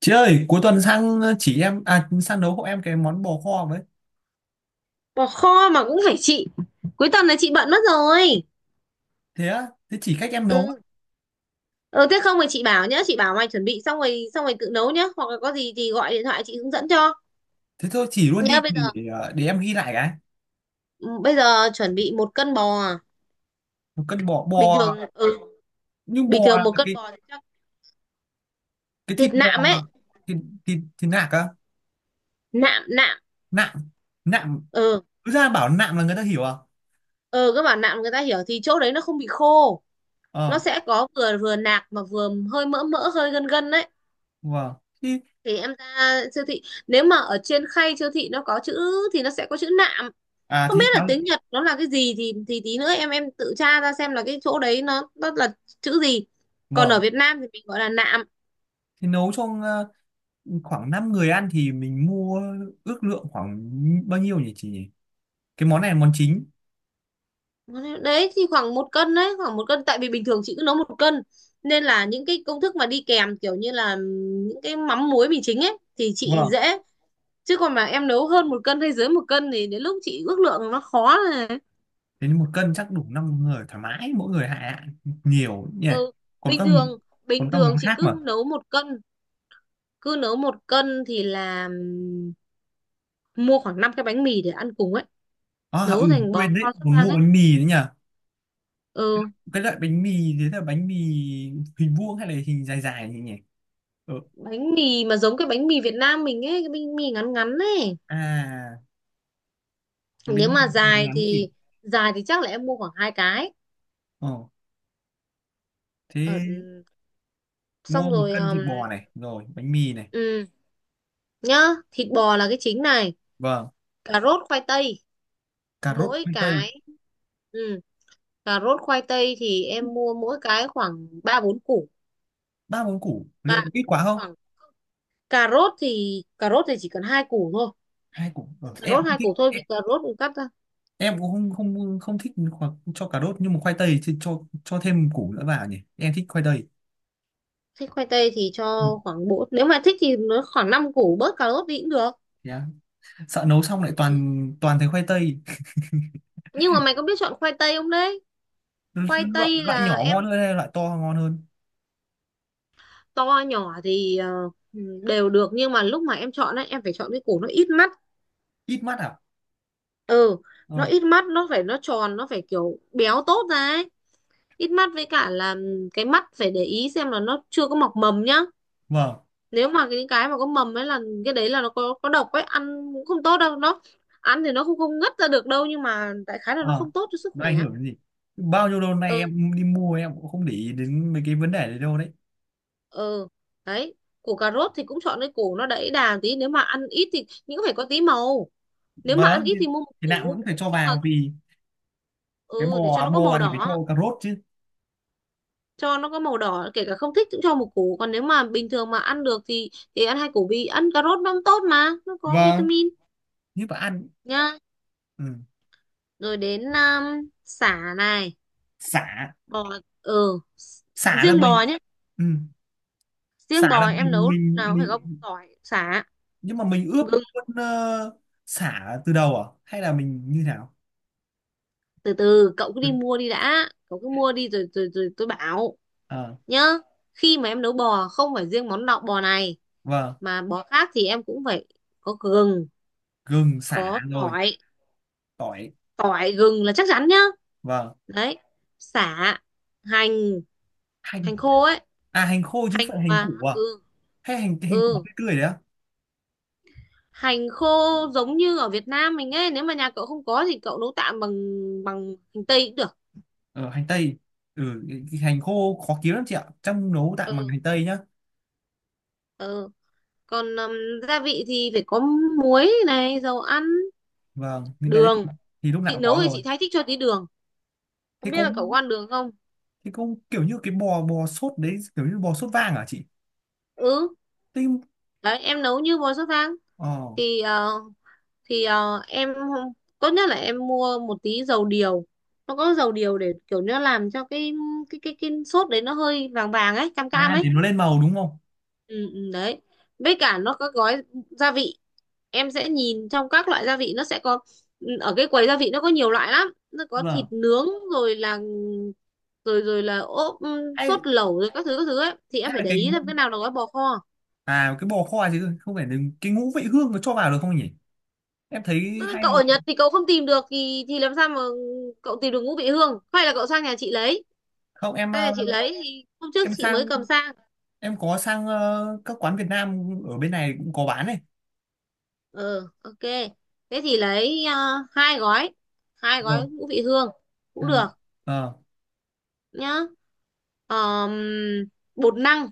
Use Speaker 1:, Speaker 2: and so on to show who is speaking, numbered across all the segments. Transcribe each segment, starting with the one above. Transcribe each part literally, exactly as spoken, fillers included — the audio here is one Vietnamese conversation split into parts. Speaker 1: Chị ơi, cuối tuần sang chỉ em à, sang nấu hộ em cái món bò kho với.
Speaker 2: Bỏ kho mà cũng phải chị, cuối tuần này chị bận mất rồi.
Speaker 1: Thế á? Thế chỉ cách em nấu.
Speaker 2: Ừ, ừ, thế không thì chị bảo nhá, chị bảo mày chuẩn bị xong rồi, xong rồi tự nấu nhá, hoặc là có gì thì gọi điện thoại chị hướng dẫn cho.
Speaker 1: Thế thôi chỉ luôn đi
Speaker 2: Nhá, bây giờ.
Speaker 1: để, ờ, để em ghi lại cái.
Speaker 2: Ừ, bây giờ chuẩn bị một cân bò.
Speaker 1: Một cân bò.
Speaker 2: Bình
Speaker 1: Bò
Speaker 2: thường, ừ.
Speaker 1: nhưng
Speaker 2: Bình
Speaker 1: bò
Speaker 2: thường
Speaker 1: là
Speaker 2: một cân
Speaker 1: cái
Speaker 2: bò thì chắc
Speaker 1: cái thịt
Speaker 2: thịt
Speaker 1: bò.
Speaker 2: nạm ấy.
Speaker 1: thịt, thịt, thịt nạc á,
Speaker 2: Nạm, nạm.
Speaker 1: nạm nạm
Speaker 2: Ừ,
Speaker 1: cứ ra bảo nạm là người ta hiểu à?
Speaker 2: ừ, các bạn nạm người ta hiểu, thì chỗ đấy nó không bị khô, nó
Speaker 1: Ờ,
Speaker 2: sẽ có vừa vừa nạc mà vừa hơi mỡ mỡ, hơi gân gân đấy.
Speaker 1: vâng. Thì
Speaker 2: Thì em ra siêu thị, nếu mà ở trên khay siêu thị nó có chữ thì nó sẽ có chữ nạm.
Speaker 1: à
Speaker 2: Không biết
Speaker 1: thì
Speaker 2: là
Speaker 1: lắm.
Speaker 2: tiếng Nhật nó là cái gì, thì thì tí nữa em em tự tra ra xem là cái chỗ đấy nó nó là chữ gì. Còn ở
Speaker 1: Vâng.
Speaker 2: Việt Nam thì mình gọi là nạm.
Speaker 1: Thì nấu cho ờ, khoảng năm người ăn thì mình mua, ước lượng khoảng bao nhiêu nhỉ chị nhỉ? Cái món này là món chính.
Speaker 2: Đấy thì khoảng một cân đấy, khoảng một cân, tại vì bình thường chị cứ nấu một cân, nên là những cái công thức mà đi kèm kiểu như là những cái mắm muối mì chính ấy thì chị
Speaker 1: Vâng.
Speaker 2: dễ. Chứ còn mà em nấu hơn một cân hay dưới một cân thì đến lúc chị ước lượng nó khó này.
Speaker 1: Thế nên một cân chắc đủ năm người thoải mái, mỗi người hạ hạ nhiều nhỉ.
Speaker 2: Ừ,
Speaker 1: Còn
Speaker 2: bình
Speaker 1: các,
Speaker 2: thường,
Speaker 1: còn
Speaker 2: bình
Speaker 1: các
Speaker 2: thường
Speaker 1: món
Speaker 2: chị
Speaker 1: khác mà.
Speaker 2: cứ nấu một cân, cứ nấu một cân thì là ừm, mua khoảng năm cái bánh mì để ăn cùng ấy,
Speaker 1: À, ừ,
Speaker 2: nấu thành bò
Speaker 1: quên
Speaker 2: kho
Speaker 1: đấy,
Speaker 2: sốt
Speaker 1: còn
Speaker 2: vang
Speaker 1: mua
Speaker 2: ấy.
Speaker 1: bánh mì nữa nhỉ.
Speaker 2: Ừ.
Speaker 1: Cái loại bánh mì, thế là bánh mì hình vuông hay là hình dài dài nhỉ nhỉ? Ờ.
Speaker 2: Bánh mì mà giống cái bánh mì Việt Nam mình ấy, cái bánh mì ngắn ngắn ấy.
Speaker 1: À cái
Speaker 2: Nếu
Speaker 1: bánh mì
Speaker 2: mà
Speaker 1: ngắn
Speaker 2: dài
Speaker 1: ngắn gì?
Speaker 2: thì, dài thì chắc là em mua khoảng hai cái.
Speaker 1: Ờ,
Speaker 2: Ờ,
Speaker 1: thế mua
Speaker 2: xong
Speaker 1: một
Speaker 2: rồi,
Speaker 1: cân
Speaker 2: um,
Speaker 1: thịt bò này rồi bánh mì này.
Speaker 2: ừ, nhá. Thịt bò là cái chính này,
Speaker 1: Vâng.
Speaker 2: cà rốt khoai tây
Speaker 1: Cà rốt,
Speaker 2: mỗi
Speaker 1: khoai tây.
Speaker 2: cái. Ừ, cà rốt khoai tây thì em mua mỗi cái khoảng ba bốn củ.
Speaker 1: Ba món củ
Speaker 2: À,
Speaker 1: liệu có ít quá không?
Speaker 2: khoảng, cà rốt thì, cà rốt thì chỉ cần hai củ thôi.
Speaker 1: Hai củ, ờ,
Speaker 2: Cà
Speaker 1: em
Speaker 2: rốt
Speaker 1: không
Speaker 2: hai
Speaker 1: thích.
Speaker 2: củ thôi vì cà rốt cũng cắt.
Speaker 1: Em cũng không không không thích, hoặc cho cà rốt, nhưng mà khoai tây thì cho cho thêm củ nữa vào nhỉ, em thích khoai tây.
Speaker 2: Thích khoai tây thì
Speaker 1: Ừ.
Speaker 2: cho khoảng bốn, nếu mà thích thì nó khoảng năm củ, bớt cà rốt đi cũng được.
Speaker 1: Yeah. Sợ nấu xong lại
Speaker 2: Ừ.
Speaker 1: toàn toàn thấy khoai tây.
Speaker 2: Nhưng mà mày có biết chọn khoai tây không đấy?
Speaker 1: Lo-
Speaker 2: Khoai
Speaker 1: loại,
Speaker 2: tây
Speaker 1: loại
Speaker 2: là
Speaker 1: nhỏ
Speaker 2: em,
Speaker 1: ngon hơn hay loại to ngon hơn?
Speaker 2: to nhỏ thì ờ, đều được, nhưng mà lúc mà em chọn ấy em phải chọn cái củ nó ít mắt.
Speaker 1: Ít mắt à?
Speaker 2: Ừ, nó
Speaker 1: Ờ.
Speaker 2: ít mắt, nó phải nó tròn, nó phải kiểu béo tốt ra ấy. Ít mắt với cả là cái mắt phải để ý xem là nó chưa có mọc mầm nhá.
Speaker 1: Vâng.
Speaker 2: Nếu mà cái cái mà có mầm ấy là cái đấy là nó có có độc ấy, ăn cũng không tốt đâu. Nó ăn thì nó không không ngất ra được đâu, nhưng mà đại khái là nó
Speaker 1: Ờ.
Speaker 2: không tốt cho sức
Speaker 1: Nó
Speaker 2: khỏe.
Speaker 1: ảnh hưởng đến gì? Bao nhiêu lâu nay
Speaker 2: Ừ,
Speaker 1: em đi mua em cũng không để ý đến mấy cái vấn đề đấy đâu đấy.
Speaker 2: ừ, đấy. Củ cà rốt thì cũng chọn cái củ nó đẫy đà tí, nếu mà ăn ít thì, nhưng cũng phải có tí màu. Nếu mà ăn
Speaker 1: Vâng
Speaker 2: ít
Speaker 1: thì,
Speaker 2: thì mua một
Speaker 1: thì nào
Speaker 2: củ,
Speaker 1: vẫn phải cho
Speaker 2: nhưng mà
Speaker 1: vào vì cái
Speaker 2: ừ, để cho
Speaker 1: bò
Speaker 2: nó có
Speaker 1: bò
Speaker 2: màu
Speaker 1: ăn thì phải cho
Speaker 2: đỏ,
Speaker 1: cà rốt chứ.
Speaker 2: cho nó có màu đỏ, kể cả không thích cũng cho một củ. Còn nếu mà bình thường mà ăn được thì thì ăn hai củ, vì ăn cà rốt nó cũng tốt mà nó có
Speaker 1: Vâng,
Speaker 2: vitamin.
Speaker 1: như mà ăn.
Speaker 2: Nhá,
Speaker 1: Ừ.
Speaker 2: rồi đến um, sả này,
Speaker 1: xả
Speaker 2: bò. ừ s-
Speaker 1: Xả là
Speaker 2: Riêng bò
Speaker 1: mình.
Speaker 2: nhé.
Speaker 1: Ừ. Sả
Speaker 2: Riêng bò
Speaker 1: là
Speaker 2: em
Speaker 1: mình
Speaker 2: nấu lúc
Speaker 1: mình
Speaker 2: nào cũng phải có
Speaker 1: mình
Speaker 2: tỏi sả
Speaker 1: nhưng mà mình ướp
Speaker 2: gừng.
Speaker 1: luôn ờ, sả từ đầu à hay là mình như nào?
Speaker 2: Từ từ, cậu cứ đi mua đi đã, cậu cứ mua đi rồi rồi rồi tôi bảo.
Speaker 1: Ờ.
Speaker 2: Nhá, khi mà em nấu bò, không phải riêng món lọc bò này,
Speaker 1: Vâng,
Speaker 2: mà bò khác thì em cũng phải có gừng,
Speaker 1: gừng sả
Speaker 2: có
Speaker 1: rồi,
Speaker 2: tỏi.
Speaker 1: tỏi,
Speaker 2: Tỏi gừng là chắc chắn nhá.
Speaker 1: vâng,
Speaker 2: Đấy, sả, hành,
Speaker 1: hành.
Speaker 2: hành khô ấy.
Speaker 1: À hành khô chứ
Speaker 2: Hành
Speaker 1: không phải hành
Speaker 2: mà
Speaker 1: củ à?
Speaker 2: ừ,
Speaker 1: Hay hành hành củ
Speaker 2: ừ,
Speaker 1: tươi tươi đấy á?
Speaker 2: hành khô, giống như ở Việt Nam mình ấy. Nếu mà nhà cậu không có thì cậu nấu tạm bằng, bằng hành tây cũng được.
Speaker 1: Ờ hành tây. Ừ, cái- cái hành khô khó kiếm lắm chị ạ. Trong nấu tạm bằng
Speaker 2: Ừ,
Speaker 1: hành tây nhá.
Speaker 2: ừ. Còn um, gia vị thì phải có muối này, dầu ăn,
Speaker 1: Vâng, những cái đấy
Speaker 2: đường.
Speaker 1: thì thì lúc nào
Speaker 2: Chị
Speaker 1: cũng
Speaker 2: nấu
Speaker 1: có
Speaker 2: thì
Speaker 1: rồi.
Speaker 2: chị thái thích cho tí đường.
Speaker 1: Thế
Speaker 2: Không biết
Speaker 1: có,
Speaker 2: là cậu có ăn đường không?
Speaker 1: thế có kiểu như cái bò bò sốt đấy, kiểu như bò sốt vàng à chị?
Speaker 2: Ừ,
Speaker 1: Thế.
Speaker 2: đấy, em nấu như bò sốt vang
Speaker 1: Ờ.
Speaker 2: thì ờ, thì ờ, em không- tốt nhất là em mua một tí dầu điều. Nó có dầu điều để kiểu nó làm cho cái cái cái cái sốt đấy nó hơi vàng vàng ấy, cam cam
Speaker 1: À để
Speaker 2: ấy.
Speaker 1: nó lên màu đúng không?
Speaker 2: Ừ, ừ, đấy. Với cả nó có gói gia vị, em sẽ nhìn trong các loại gia vị nó sẽ có. Ừ, ở cái quầy gia vị nó có nhiều loại lắm, nó có thịt
Speaker 1: Vâng.
Speaker 2: nướng, rồi là rồi rồi là ốp, ừm, sốt
Speaker 1: Hay,
Speaker 2: lẩu rồi các thứ các thứ ấy. Thì
Speaker 1: hay
Speaker 2: em phải
Speaker 1: là
Speaker 2: để
Speaker 1: cái,
Speaker 2: ý xem cái nào là gói bò kho.
Speaker 1: à cái bò kho chứ không phải là cái ngũ vị hương nó cho vào được không nhỉ, em thấy
Speaker 2: Ừ,
Speaker 1: hay.
Speaker 2: cậu ở Nhật thì cậu không tìm được thì thì làm sao mà cậu tìm được ngũ vị hương, hay là cậu sang nhà chị lấy.
Speaker 1: Không em,
Speaker 2: Sang
Speaker 1: ờ,
Speaker 2: nhà chị lấy thì hôm trước
Speaker 1: em
Speaker 2: chị
Speaker 1: sang
Speaker 2: mới cầm sang.
Speaker 1: em có sang ờ, các quán Việt Nam ở bên này cũng có bán này.
Speaker 2: Ờ, ok, thế thì lấy à, hai gói, hai
Speaker 1: Đúng rồi.
Speaker 2: gói ngũ vị hương cũng được
Speaker 1: Em- ờ,
Speaker 2: nhá. Ờm, bột năng,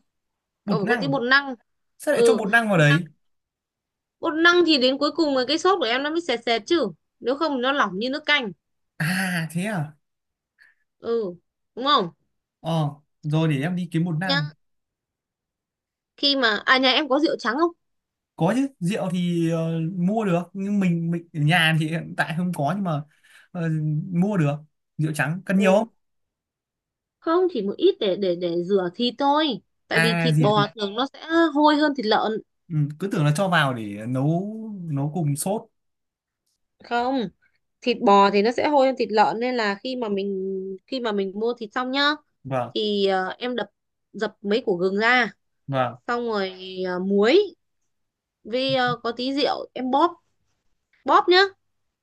Speaker 2: cậu
Speaker 1: bột
Speaker 2: phải có tí
Speaker 1: năng.
Speaker 2: bột năng.
Speaker 1: Sao lại cho
Speaker 2: Ừ,
Speaker 1: bột năng vào
Speaker 2: bột năng.
Speaker 1: đấy?
Speaker 2: Bột năng thì đến cuối cùng là cái sốt của em nó mới sệt sệt chứ, nếu không thì nó lỏng như nước canh.
Speaker 1: À thế à.
Speaker 2: Ừ, đúng không,
Speaker 1: Ờ, rồi để em đi kiếm bột
Speaker 2: nhá?
Speaker 1: năng.
Speaker 2: Khi mà à nhà em có rượu trắng không?
Speaker 1: Có chứ, rượu thì ờ, mua được, nhưng mình mình ở nhà thì hiện tại không có, nhưng mà ờ, mua được. Rượu trắng cần nhiều không?
Speaker 2: Ừ, không, chỉ một ít để để để rửa thịt thôi, tại vì
Speaker 1: À
Speaker 2: thịt bò
Speaker 1: gì.
Speaker 2: thường nó sẽ hôi hơn thịt lợn.
Speaker 1: Ừ, cứ tưởng là cho vào để nấu, nấu cùng sốt.
Speaker 2: Không, thịt bò thì nó sẽ hôi hơn thịt lợn, nên là khi mà mình, khi mà mình mua thịt xong nhá,
Speaker 1: Vâng.
Speaker 2: thì ờ, em đập, dập mấy củ gừng ra,
Speaker 1: Vâng.
Speaker 2: xong rồi à, muối, với à, có tí rượu em bóp, bóp nhá,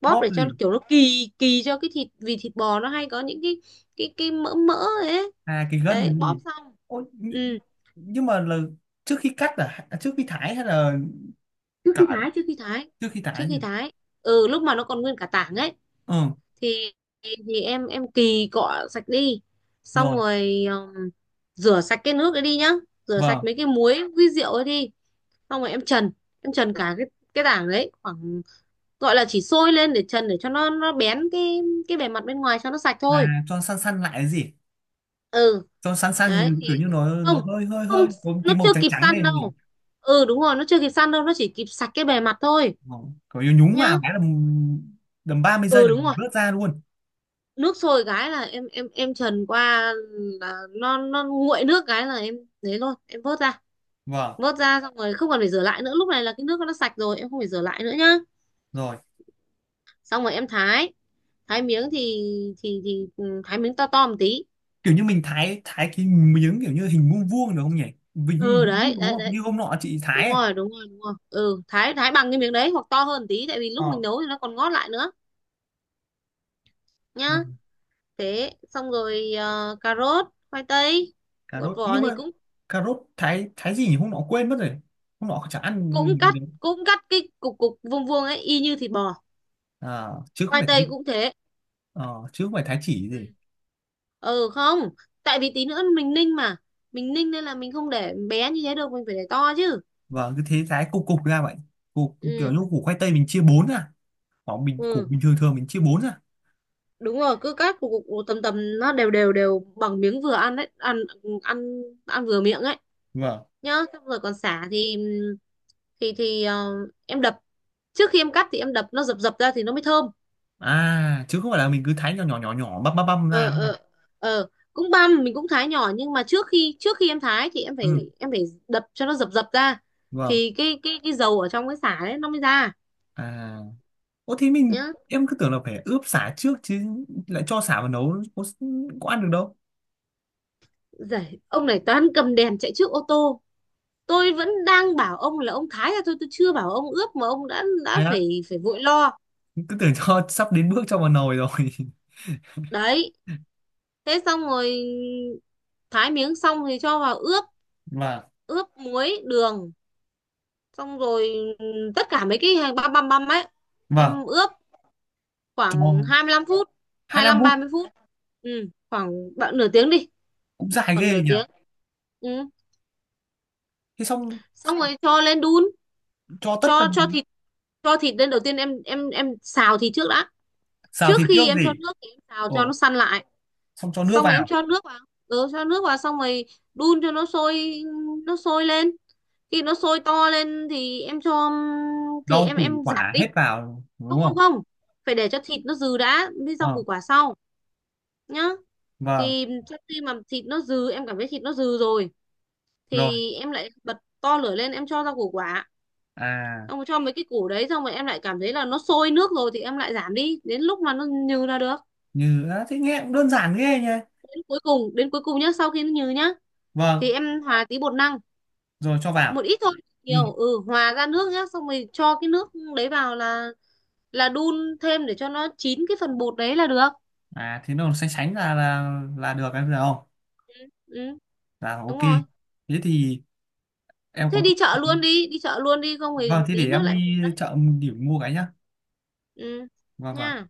Speaker 2: bóp
Speaker 1: Bóp
Speaker 2: để cho nó
Speaker 1: gì?
Speaker 2: kiểu nó kỳ kỳ cho cái thịt, vì thịt bò nó hay có những cái cái cái mỡ mỡ ấy.
Speaker 1: À cái gân
Speaker 2: Đấy,
Speaker 1: cái
Speaker 2: bóp
Speaker 1: gì?
Speaker 2: xong,
Speaker 1: Ôi, nh-
Speaker 2: ừ.
Speaker 1: nhưng mà là trước khi cắt à. À, trước khi thái hay là
Speaker 2: Trước khi
Speaker 1: cả
Speaker 2: thái, trước khi thái,
Speaker 1: trước khi
Speaker 2: trước
Speaker 1: thái nhỉ?
Speaker 2: khi thái, ừ, lúc mà nó còn nguyên cả tảng ấy,
Speaker 1: Ừ.
Speaker 2: thì thì em em kỳ cọ sạch đi, xong
Speaker 1: Rồi.
Speaker 2: rồi ừm, rửa sạch cái nước ấy đi nhá, rửa sạch
Speaker 1: Vâng,
Speaker 2: mấy cái muối với rượu ấy đi. Xong rồi em trần, em trần cả cái cái tảng đấy, khoảng gọi là chỉ sôi lên để trần, để cho nó nó bén cái cái bề mặt bên ngoài cho nó sạch thôi.
Speaker 1: là cho săn săn lại cái gì?
Speaker 2: Ừ
Speaker 1: Cho săn
Speaker 2: đấy.
Speaker 1: săn
Speaker 2: Thì
Speaker 1: kiểu như nó nó
Speaker 2: không,
Speaker 1: hơi hơi hơi
Speaker 2: không,
Speaker 1: có
Speaker 2: nó
Speaker 1: tí màu
Speaker 2: chưa
Speaker 1: trắng
Speaker 2: kịp
Speaker 1: trắng
Speaker 2: săn
Speaker 1: lên gì.
Speaker 2: đâu. Ừ, đúng rồi, nó chưa kịp săn đâu, nó chỉ kịp sạch cái bề mặt thôi.
Speaker 1: Vâng, kiểu như nhúng
Speaker 2: Nhá.
Speaker 1: vào cái là đầm ba mươi giây
Speaker 2: Ừ
Speaker 1: là
Speaker 2: đúng
Speaker 1: mình
Speaker 2: rồi.
Speaker 1: vớt ra luôn.
Speaker 2: Nước sôi cái là em em em trần qua, là nó nó nguội nước cái là em thế luôn em vớt ra.
Speaker 1: Vâng.
Speaker 2: Vớt ra xong rồi không còn phải rửa lại nữa, lúc này là cái nước nó sạch rồi em không phải rửa lại nữa nhá.
Speaker 1: Rồi,
Speaker 2: Xong rồi em thái, thái miếng thì thì thì ừ, thái miếng to to một tí.
Speaker 1: kiểu như mình thái, thái cái miếng kiểu như hình vuông vuông được không nhỉ?
Speaker 2: Ừ
Speaker 1: Hình vuông
Speaker 2: đấy
Speaker 1: đúng
Speaker 2: đấy
Speaker 1: không,
Speaker 2: đấy,
Speaker 1: như hôm nọ chị
Speaker 2: đúng
Speaker 1: thái ấy.
Speaker 2: rồi đúng rồi đúng rồi, ừ thái, thái bằng cái miếng đấy hoặc to hơn một tí, tại vì lúc
Speaker 1: Ờ.
Speaker 2: mình nấu thì nó còn ngót lại nữa. Nhá,
Speaker 1: Rồi.
Speaker 2: thế xong rồi ờ, cà rốt khoai tây
Speaker 1: Cà
Speaker 2: gọt
Speaker 1: rốt,
Speaker 2: vỏ
Speaker 1: nhưng
Speaker 2: thì
Speaker 1: mà
Speaker 2: cũng,
Speaker 1: cà rốt thái thái gì nhỉ, hôm nọ quên mất rồi, hôm nọ chả ăn
Speaker 2: cũng
Speaker 1: gì
Speaker 2: cắt,
Speaker 1: đấy.
Speaker 2: cũng cắt cái cục cục vuông vuông ấy y như thịt bò.
Speaker 1: À, chứ không
Speaker 2: Khoai
Speaker 1: phải thái.
Speaker 2: tây cũng thế.
Speaker 1: Ờ, chứ không phải thái chỉ
Speaker 2: Ừ.
Speaker 1: gì.
Speaker 2: Ừ không, tại vì tí nữa mình ninh mà, mình ninh nên là mình không để bé như thế được, mình phải để to chứ.
Speaker 1: Và cứ thế thái cục cục ra vậy, cục kiểu
Speaker 2: Ừ,
Speaker 1: như củ khoai tây mình chia bốn ra, hoặc mình củ
Speaker 2: ừ
Speaker 1: bình thường thường mình chia bốn ra.
Speaker 2: đúng rồi, cứ cắt cục cục cục tầm tầm nó đều đều đều bằng miếng vừa ăn đấy, ăn ăn ăn vừa miệng ấy.
Speaker 1: Vâng.
Speaker 2: Nhá, xong rồi còn sả thì thì thì ờ, em đập, trước khi em cắt thì em đập nó dập dập ra thì nó mới thơm.
Speaker 1: À chứ không phải là mình cứ thái nhỏ nhỏ nhỏ nhỏ băm băm băm
Speaker 2: Ờ,
Speaker 1: ra.
Speaker 2: ờ, ờ. Cũng băm, mình cũng thái nhỏ, nhưng mà trước khi trước khi em thái thì em phải
Speaker 1: Ừ.
Speaker 2: em phải đập cho nó dập dập ra,
Speaker 1: Vâng.
Speaker 2: thì cái cái cái dầu ở trong cái sả đấy nó mới ra.
Speaker 1: À. Ủa thế mình,
Speaker 2: Nhá,
Speaker 1: em cứ tưởng là phải ướp sả trước chứ, lại cho sả vào nấu có, có ăn được đâu.
Speaker 2: giải ông này toán cầm đèn chạy trước ô tô. Tôi vẫn đang bảo ông là ông thái ra thôi, tôi chưa bảo ông ướp mà ông đã đã
Speaker 1: Thế á,
Speaker 2: phải phải vội lo.
Speaker 1: cứ tưởng cho sắp đến bước cho vào nồi rồi.
Speaker 2: Đấy, thế xong rồi thái miếng xong thì cho vào ướp,
Speaker 1: Vâng,
Speaker 2: ướp muối đường. Xong rồi tất cả mấy cái hàng băm băm băm ấy
Speaker 1: vâng.
Speaker 2: em ướp khoảng
Speaker 1: Cho,
Speaker 2: hai mươi lăm phút.
Speaker 1: hai
Speaker 2: hai
Speaker 1: lăm
Speaker 2: lăm
Speaker 1: phút
Speaker 2: ba mươi phút ừ, khoảng bạn nửa tiếng đi,
Speaker 1: cũng dài
Speaker 2: khoảng
Speaker 1: ghê
Speaker 2: nửa
Speaker 1: nhỉ.
Speaker 2: tiếng. Ừ.
Speaker 1: Thế xong
Speaker 2: Xong rồi cho lên đun,
Speaker 1: cho tất
Speaker 2: cho cho
Speaker 1: tần.
Speaker 2: thịt, cho thịt lên đầu tiên em em em xào thịt trước đã.
Speaker 1: Xào
Speaker 2: Trước
Speaker 1: thịt trước
Speaker 2: khi em cho
Speaker 1: gì?
Speaker 2: nước thì em xào cho nó
Speaker 1: Ồ,
Speaker 2: săn lại,
Speaker 1: xong cho nước
Speaker 2: xong rồi em
Speaker 1: vào,
Speaker 2: cho nước vào. Ừ, cho nước vào xong rồi đun cho nó sôi, nó sôi lên, khi nó sôi to lên thì em cho, thì
Speaker 1: rau
Speaker 2: em
Speaker 1: củ
Speaker 2: em giảm
Speaker 1: quả
Speaker 2: đi.
Speaker 1: hết vào đúng
Speaker 2: Không, không,
Speaker 1: không?
Speaker 2: không, phải để cho thịt nó dừ đã, với rau
Speaker 1: Ờ,
Speaker 2: củ quả sau. Nhá,
Speaker 1: vâng,
Speaker 2: thì sau khi mà thịt nó dừ, em cảm thấy thịt nó dừ rồi
Speaker 1: rồi.
Speaker 2: thì em lại bật to lửa lên em cho rau củ quả.
Speaker 1: À,
Speaker 2: Xong rồi cho mấy cái củ đấy xong rồi em lại cảm thấy là nó sôi nước rồi thì em lại giảm đi đến lúc mà nó nhừ là được.
Speaker 1: như à, thế nghe cũng đơn giản ghê nhỉ.
Speaker 2: Đến cuối cùng, đến cuối cùng nhá, sau khi nó nhừ nhá, thì
Speaker 1: Vâng,
Speaker 2: em hòa tí bột năng,
Speaker 1: rồi cho
Speaker 2: một
Speaker 1: vào.
Speaker 2: ít thôi,
Speaker 1: Ừ.
Speaker 2: nhiều ừ hòa ra nước nhá, xong rồi cho cái nước đấy vào là là đun thêm để cho nó chín cái phần bột đấy là được.
Speaker 1: À thế nó sánh sánh là là là được em thấy không?
Speaker 2: Ừ, ừ
Speaker 1: Là
Speaker 2: đúng
Speaker 1: ok.
Speaker 2: rồi.
Speaker 1: Thế thì em
Speaker 2: Thế
Speaker 1: có.
Speaker 2: đi chợ luôn đi, đi chợ luôn đi không thì
Speaker 1: Vâng, thế để
Speaker 2: tí nữa
Speaker 1: em
Speaker 2: lại hụt
Speaker 1: đi
Speaker 2: đấy.
Speaker 1: chợ điểm mua cái nhá.
Speaker 2: Ừ,
Speaker 1: Vâng vâng.
Speaker 2: nha.